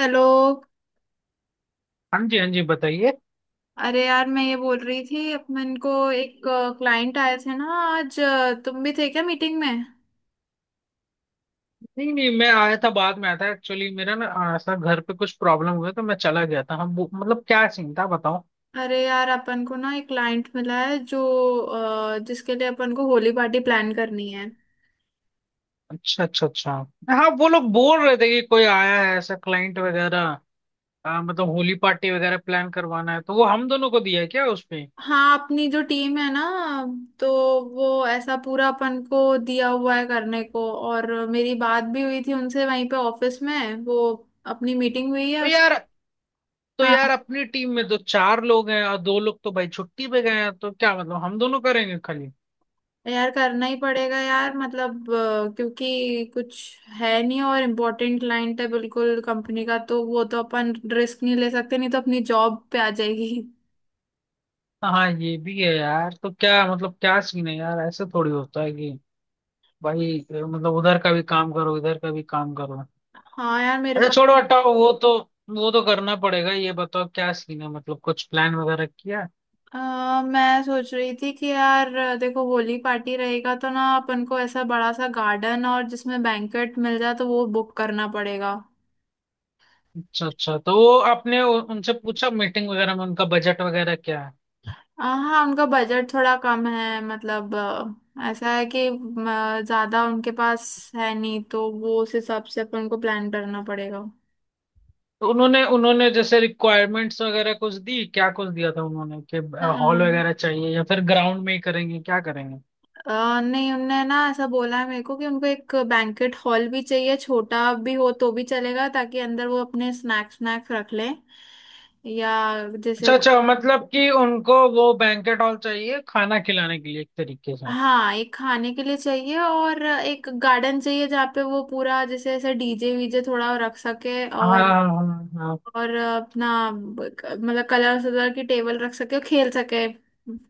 Hello. हाँ जी हाँ जी बताइए। अरे यार, मैं ये बोल रही थी अपन को एक क्लाइंट आए थे ना आज, तुम भी थे क्या मीटिंग में? नहीं नहीं, मैं आया था, बाद में आया था। एक्चुअली मेरा ना ऐसा घर पे कुछ प्रॉब्लम हुआ तो मैं चला गया था। हम वो मतलब क्या सीन था बताओ? अरे यार, अपन को ना एक क्लाइंट मिला है जो जिसके लिए अपन को होली पार्टी प्लान करनी है। अच्छा अच्छा अच्छा। हाँ वो लोग बोल रहे थे कि कोई आया है ऐसा क्लाइंट वगैरह। मतलब होली पार्टी वगैरह प्लान करवाना है तो वो हम दोनों को दिया है क्या उसपे? हाँ, अपनी जो टीम है ना, तो वो ऐसा पूरा अपन को दिया हुआ है करने को। और मेरी बात भी हुई थी उनसे वहीं पे ऑफिस में, वो अपनी मीटिंग हुई तो है। यार तो यार हाँ अपनी टीम में तो चार लोग हैं और दो लोग तो भाई छुट्टी पे गए हैं, तो क्या मतलब हम दोनों करेंगे खाली? यार, करना ही पड़ेगा यार, मतलब क्योंकि कुछ है नहीं और इम्पोर्टेंट क्लाइंट है बिल्कुल कंपनी का, तो वो तो अपन रिस्क नहीं ले सकते, नहीं तो अपनी जॉब पे आ जाएगी। हाँ ये भी है यार। तो क्या मतलब क्या सीन है यार? ऐसे थोड़ी होता है कि भाई मतलब उधर का भी काम करो इधर का भी काम करो। हाँ यार, मेरे अच्छा पास छोड़ो हटाओ वो तो। वो तो करना पड़ेगा। ये बताओ क्या सीन है, मतलब कुछ प्लान वगैरह किया? मैं सोच रही थी कि यार देखो, होली पार्टी रहेगा तो ना अपन को ऐसा बड़ा सा गार्डन और जिसमें बैंकेट मिल जाए तो वो बुक करना पड़ेगा। अच्छा अच्छा, तो वो आपने उनसे पूछा मीटिंग वगैरह में उनका बजट वगैरह क्या है? हाँ, उनका बजट थोड़ा कम है, मतलब ऐसा है कि ज्यादा उनके पास है नहीं, तो वो उस हिसाब से अपन को प्लान करना पड़ेगा। तो उन्होंने उन्होंने जैसे रिक्वायरमेंट्स वगैरह कुछ दी क्या, कुछ दिया था उन्होंने कि अ, हॉल वगैरह चाहिए या फिर ग्राउंड में ही करेंगे क्या करेंगे? नहीं, उनने ना ऐसा बोला है मेरे को कि उनको एक बैंकेट हॉल भी चाहिए, छोटा भी हो तो भी चलेगा, ताकि अंदर वो अपने स्नैक्स स्नैक्स रख लें। या अच्छा जैसे, अच्छा, मतलब कि उनको वो बैंकेट हॉल चाहिए खाना खिलाने के लिए एक तरीके से। हाँ, एक खाने के लिए चाहिए और एक गार्डन चाहिए जहाँ पे वो पूरा जैसे ऐसे डीजे वीजे थोड़ा रख सके। हाँ हाँ हाँ। और अपना, मतलब, कलर सलर की टेबल रख सके और खेल सके,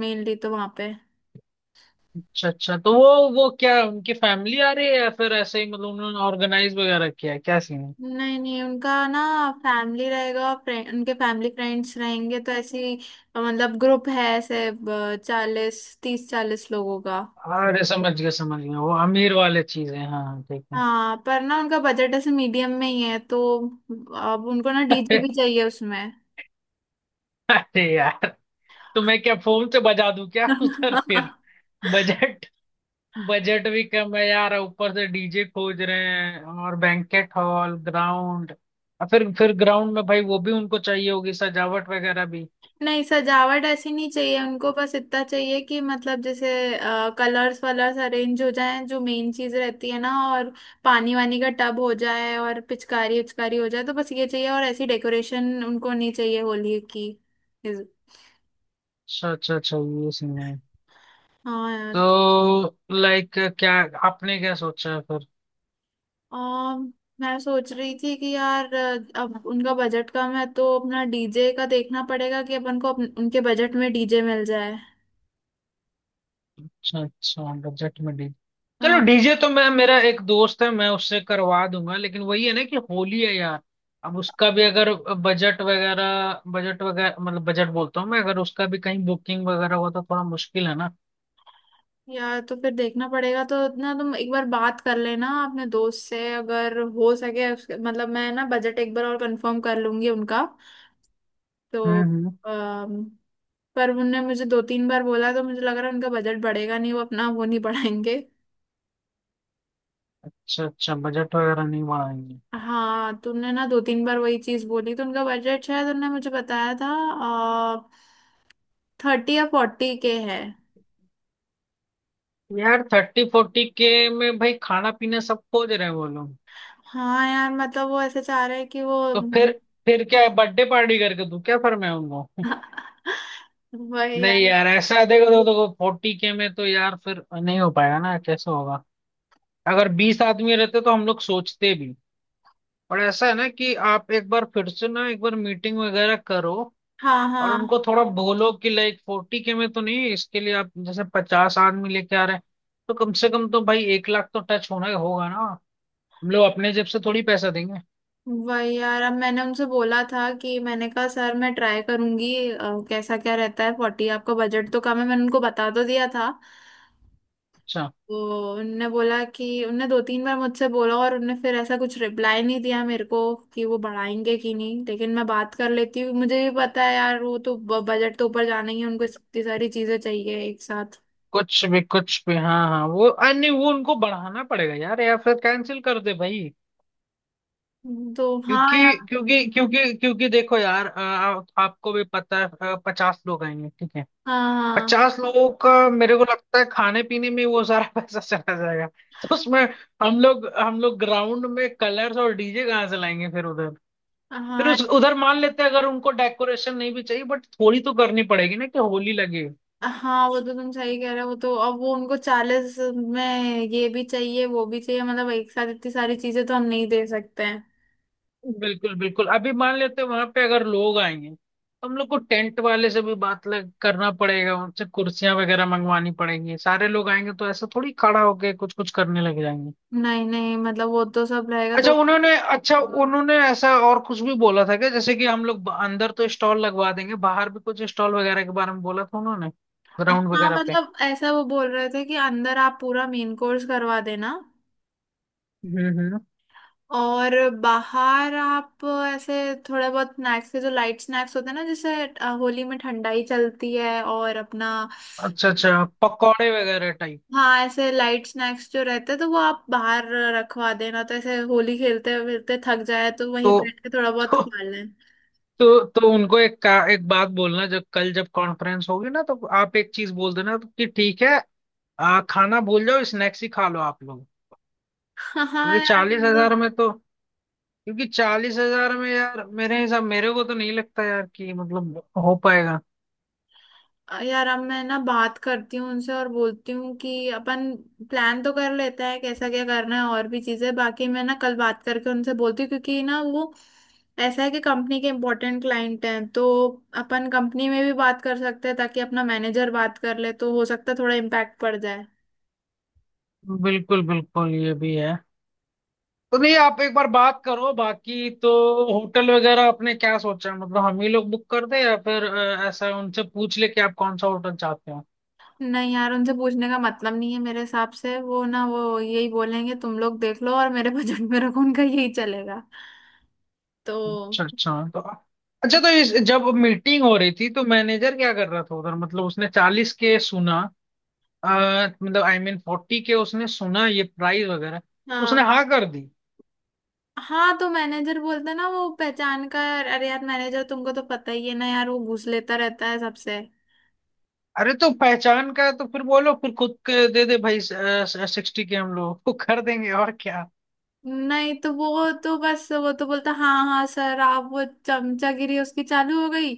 मेनली तो वहां पे। अच्छा अच्छा, तो वो क्या उनकी फैमिली आ रही है या फिर ऐसे ही मतलब उन्होंने ऑर्गेनाइज वगैरह किया है, क्या सीन है? नहीं नहीं, उनका ना फैमिली रहेगा, फ्रेंड, उनके फैमिली फ्रेंड्स रहेंगे, तो ऐसी, मतलब, ग्रुप है ऐसे चालीस 30-40 लोगों का। अरे समझ गया समझ गया, वो अमीर वाले चीज है, हाँ हाँ, ठीक है। हाँ, पर ना उनका बजट ऐसे मीडियम में ही है, तो अब उनको ना डीजे अरे। भी चाहिए उसमें। अरे यार, तो मैं क्या फोन से बजा दूं क्या उधर फिर? बजट। बजट भी कम है यार, ऊपर से डीजे खोज रहे हैं और बैंकेट हॉल ग्राउंड। और फिर ग्राउंड में भाई वो भी उनको चाहिए होगी सजावट वगैरह भी। नहीं, सजावट ऐसी नहीं चाहिए उनको, बस इतना चाहिए कि, मतलब, जैसे कलर्स वलर्स अरेंज हो जाएं, जो मेन चीज रहती है ना, और पानी वानी का टब हो जाए और पिचकारी उचकारी हो जाए, तो बस ये चाहिए, और ऐसी डेकोरेशन उनको नहीं चाहिए होली की। इस- अच्छा अच्छा अच्छा, ये सीन है। हाँ यार। तो लाइक क्या आपने क्या सोचा है फिर? अम, मैं सोच रही थी कि यार अब उनका बजट कम है, तो अपना डीजे का देखना पड़ेगा कि अपन को उनके बजट में डीजे मिल जाए। अच्छा अच्छा, बजट में डी चलो, हाँ। डीजे तो मैं, मेरा एक दोस्त है, मैं उससे करवा दूंगा, लेकिन वही है ना कि होली है यार। अब उसका भी अगर बजट वगैरह मतलब बजट बोलता हूँ मैं, अगर उसका भी कहीं बुकिंग वगैरह हो तो थोड़ा मुश्किल है ना। यार तो फिर देखना पड़ेगा। तो ना तुम एक बार बात कर लेना अपने दोस्त से, अगर हो सके मतलब मैं ना बजट एक बार और कंफर्म कर लूंगी उनका, तो हम्म। अम, पर उनने मुझे दो तीन बार बोला, तो मुझे लग रहा है उनका बजट बढ़ेगा नहीं, वो अपना वो नहीं बढ़ाएंगे। अच्छा अच्छा, बजट वगैरह नहीं बढ़ाएंगे। हाँ, तुमने ना दो तीन बार वही चीज बोली, तो उनका बजट शायद, उनने मुझे बताया था, 30 या 40K है। यार 30 40K में भाई खाना पीना सब खोज रहे हैं वो लोग। हाँ यार, मतलब वो ऐसे चाह रहे हैं कि वो तो फिर क्या है, बर्थडे पार्टी करके दूं क्या फिर मैं उनको? वही नहीं यार। यार, ऐसा देखो तो 40K में तो यार फिर नहीं हो पाएगा ना, कैसे होगा? अगर 20 आदमी रहते तो हम लोग सोचते भी। पर ऐसा है ना कि आप एक बार फिर से ना एक बार मीटिंग वगैरह करो हाँ और हाँ, उनको थोड़ा बोलो कि लाइक 40K में तो नहीं, इसके लिए आप जैसे 50 आदमी लेके आ रहे हैं, तो कम से कम तो भाई 1 लाख तो टच होना ही होगा ना। हम लोग अपने जेब से थोड़ी पैसा देंगे। वही यार। अब मैंने उनसे बोला था, कि मैंने कहा सर मैं ट्राई करूंगी, कैसा क्या रहता है, 40 आपका बजट तो कम है, मैंने उनको बता तो दिया था। अच्छा। तो उनने बोला कि, उनने दो तीन बार मुझसे बोला, और उनने फिर ऐसा कुछ रिप्लाई नहीं दिया मेरे को कि वो बढ़ाएंगे कि नहीं। लेकिन मैं बात कर लेती हूँ, मुझे भी पता है यार, वो तो बजट तो ऊपर जाना ही है, उनको इतनी सारी चीजें चाहिए एक साथ। कुछ भी कुछ भी, हाँ हाँ, वो अरे नहीं वो उनको बढ़ाना पड़ेगा यार या फिर कैंसिल कर दे भाई। तो हाँ क्योंकि यार। क्योंकि क्योंकि क्योंकि देखो यार, आपको भी पता है 50 लोग आएंगे, ठीक है? हाँ 50 लोगों का मेरे को लगता है खाने पीने में वो सारा पैसा चला जाएगा। तो उसमें हम लोग ग्राउंड में कलर्स और डीजे कहाँ से लाएंगे फिर उधर? हाँ फिर हाँ उस उधर मान लेते हैं, अगर उनको डेकोरेशन नहीं भी चाहिए बट थोड़ी तो करनी पड़ेगी ना कि होली लगे। हाँ, वो तो तुम सही कह रहे हो, वो तो। अब वो उनको 40 में ये भी चाहिए वो भी चाहिए, मतलब एक साथ इतनी सारी चीजें तो हम नहीं दे सकते हैं। बिल्कुल बिल्कुल। अभी मान लेते हैं वहां पे अगर लोग आएंगे तो हम लोग को टेंट वाले से भी बात लग करना पड़ेगा, उनसे कुर्सियां वगैरह मंगवानी पड़ेंगी, सारे लोग आएंगे तो ऐसा थोड़ी खड़ा होके कुछ कुछ करने लग जाएंगे। नहीं नहीं, मतलब वो तो सब रहेगा, अच्छा तो उन्होंने अच्छा उन्होंने ऐसा और कुछ भी बोला था क्या, जैसे कि हम लोग अंदर तो स्टॉल लगवा देंगे, बाहर भी कुछ स्टॉल वगैरह के बारे में बोला था उन्होंने ग्राउंड हाँ, वगैरह पे? मतलब ऐसा वो बोल रहे थे कि अंदर आप पूरा मेन कोर्स करवा देना, हम्म। और बाहर आप ऐसे थोड़ा बहुत स्नैक्स के, जो लाइट स्नैक्स होते हैं ना, जैसे होली में ठंडाई चलती है और अपना, अच्छा अच्छा, पकौड़े वगैरह टाइप। हाँ, ऐसे लाइट स्नैक्स जो रहते हैं, तो वो आप बाहर रखवा देना, तो ऐसे होली खेलते खेलते थक जाए तो वहीं तो बैठ के थोड़ा बहुत तो खा लें। तो उनको एक बात बोलना, जब कल जब कॉन्फ्रेंस होगी ना तो आप एक चीज बोल देना कि ठीक है, खाना भूल जाओ, स्नैक्स ही खा लो आप लोग। हाँ हाँ क्योंकि यार, चालीस हजार मतलब में तो क्योंकि 40,000 में यार, मेरे को तो नहीं लगता यार कि मतलब हो पाएगा। यार अब मैं ना बात करती हूँ उनसे और बोलती हूँ कि अपन प्लान तो कर लेते हैं कैसा क्या करना है और भी चीजें, बाकी मैं ना कल बात करके उनसे बोलती हूँ, क्योंकि ना वो, ऐसा है कि कंपनी के इम्पोर्टेंट क्लाइंट हैं, तो अपन कंपनी में भी बात कर सकते हैं, ताकि अपना मैनेजर बात कर ले, तो हो सकता है थोड़ा इम्पैक्ट पड़ जाए। बिल्कुल बिल्कुल, ये भी है। तो नहीं, आप एक बार बात करो बाकी तो। होटल वगैरह आपने क्या सोचा है? मतलब हम ही लोग बुक कर दें या फिर ऐसा उनसे पूछ ले कि आप कौन सा होटल चाहते हो? नहीं यार, उनसे पूछने का मतलब नहीं है मेरे हिसाब से, वो ना वो यही बोलेंगे, तुम लोग देख लो और मेरे बजट में रखो, उनका यही चलेगा, तो अच्छा अच्छा तो इस जब मीटिंग हो रही थी तो मैनेजर क्या कर रहा था उधर, मतलब उसने 40K सुना, अ, मतलब आई मीन 40K, उसने सुना ये प्राइस वगैरह तो हाँ। उसने हाँ कर दी? हाँ, तो मैनेजर बोलता ना वो पहचान का। अरे यार, मैनेजर तुमको तो पता ही है ना यार, वो घूस लेता रहता है सबसे। अरे तो पहचान का है तो फिर बोलो, फिर खुद के दे दे भाई, 60K हम लोग को कर देंगे, और क्या। नहीं, तो वो तो बस, वो तो बोलता हाँ हाँ सर आप, वो चमचागिरी उसकी चालू हो गई,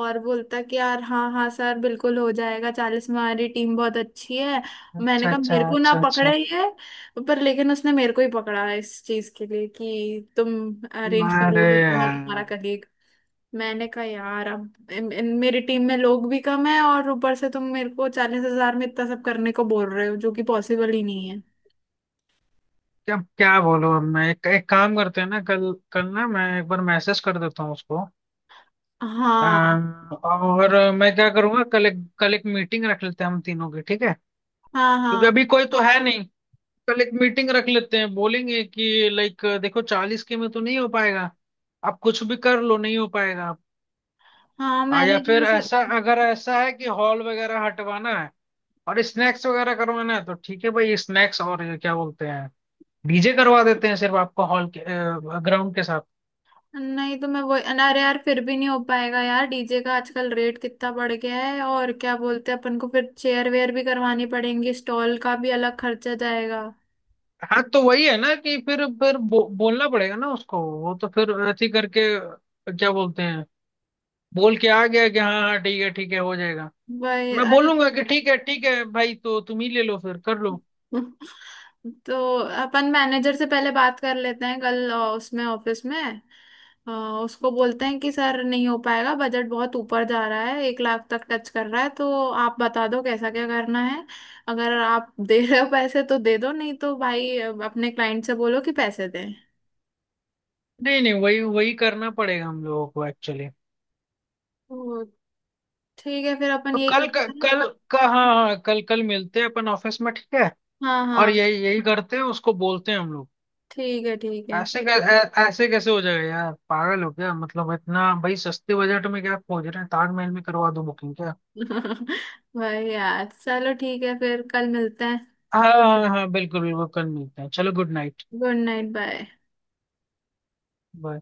और बोलता कि यार हाँ हाँ सर बिल्कुल हो जाएगा, 40 में हमारी टीम बहुत अच्छी है। मैंने अच्छा कहा, अच्छा मेरे को ना अच्छा पकड़ा अच्छा, ही है, पर, लेकिन उसने मेरे को ही पकड़ा है इस चीज के लिए, कि तुम अरेंज अरे करोगे तुम और तुम्हारा यार, कलीग। मैंने कहा यार, अब मेरी टीम में लोग भी कम है, और ऊपर से तुम मेरे को 40,000 में इतना सब करने को बोल रहे हो, जो कि पॉसिबल ही नहीं है। क्या क्या बोलूं अब मैं? एक काम करते हैं ना, कल कल ना मैं एक बार मैसेज कर देता हूँ उसको। हाँ और मैं क्या करूंगा कल एक मीटिंग रख लेते हैं हम तीनों की, ठीक है। हाँ क्योंकि हाँ अभी कोई तो है नहीं। कल एक मीटिंग रख लेते हैं, बोलेंगे कि लाइक देखो 40K में तो नहीं हो पाएगा, आप कुछ भी कर लो नहीं हो पाएगा। हाँ, या मैंने फिर ऐसा, अगर ऐसा है कि हॉल वगैरह हटवाना है और स्नैक्स वगैरह करवाना है तो ठीक है भाई स्नैक्स, और ये क्या बोलते हैं डीजे करवा देते हैं सिर्फ आपको हॉल के, ग्राउंड के साथ। नहीं, तो मैं वो, अरे यार, फिर भी नहीं हो पाएगा यार, डीजे का आजकल रेट कितना बढ़ गया है, और क्या बोलते हैं अपन को, फिर चेयर वेयर भी करवानी पड़ेंगी, स्टॉल का भी अलग खर्चा जाएगा। हाँ तो वही है ना कि फिर बोलना पड़ेगा ना उसको, वो तो फिर ऐसे ही करके क्या बोलते हैं, बोल के आ गया कि हाँ हाँ ठीक है हो जाएगा। वही, मैं अरे, बोलूंगा कि ठीक है भाई, तो तुम ही ले लो फिर, कर लो। तो अपन मैनेजर से पहले बात कर लेते हैं कल, उसमें ऑफिस में, अ, उसको बोलते हैं कि सर नहीं हो पाएगा, बजट बहुत ऊपर जा रहा है, 1 लाख तक टच कर रहा है, तो आप बता दो कैसा क्या करना है। अगर आप दे रहे हो पैसे तो दे दो, नहीं तो भाई अपने क्लाइंट से बोलो कि पैसे दें। नहीं नहीं, वही वही करना पड़ेगा हम लोगों को एक्चुअली। तो ठीक है, फिर अपन तो यही कल क- करते हैं। कल का हाँ हाँ, कल कल मिलते हैं अपन ऑफिस में, ठीक है। हाँ और हाँ, यही यही करते हैं, उसको बोलते हैं हम लोग। ठीक है ठीक है। ऐसे कैसे हो जाएगा यार, पागल हो क्या? मतलब इतना भाई सस्ते बजट में क्या खोज रहे हैं, ताजमहल में करवा दो बुकिंग क्या? भाई यार, चलो ठीक है, फिर कल मिलते हैं। हाँ हाँ हाँ, बिल्कुल बिल्कुल, कल मिलते हैं, चलो good night. Good night, bye. Bye.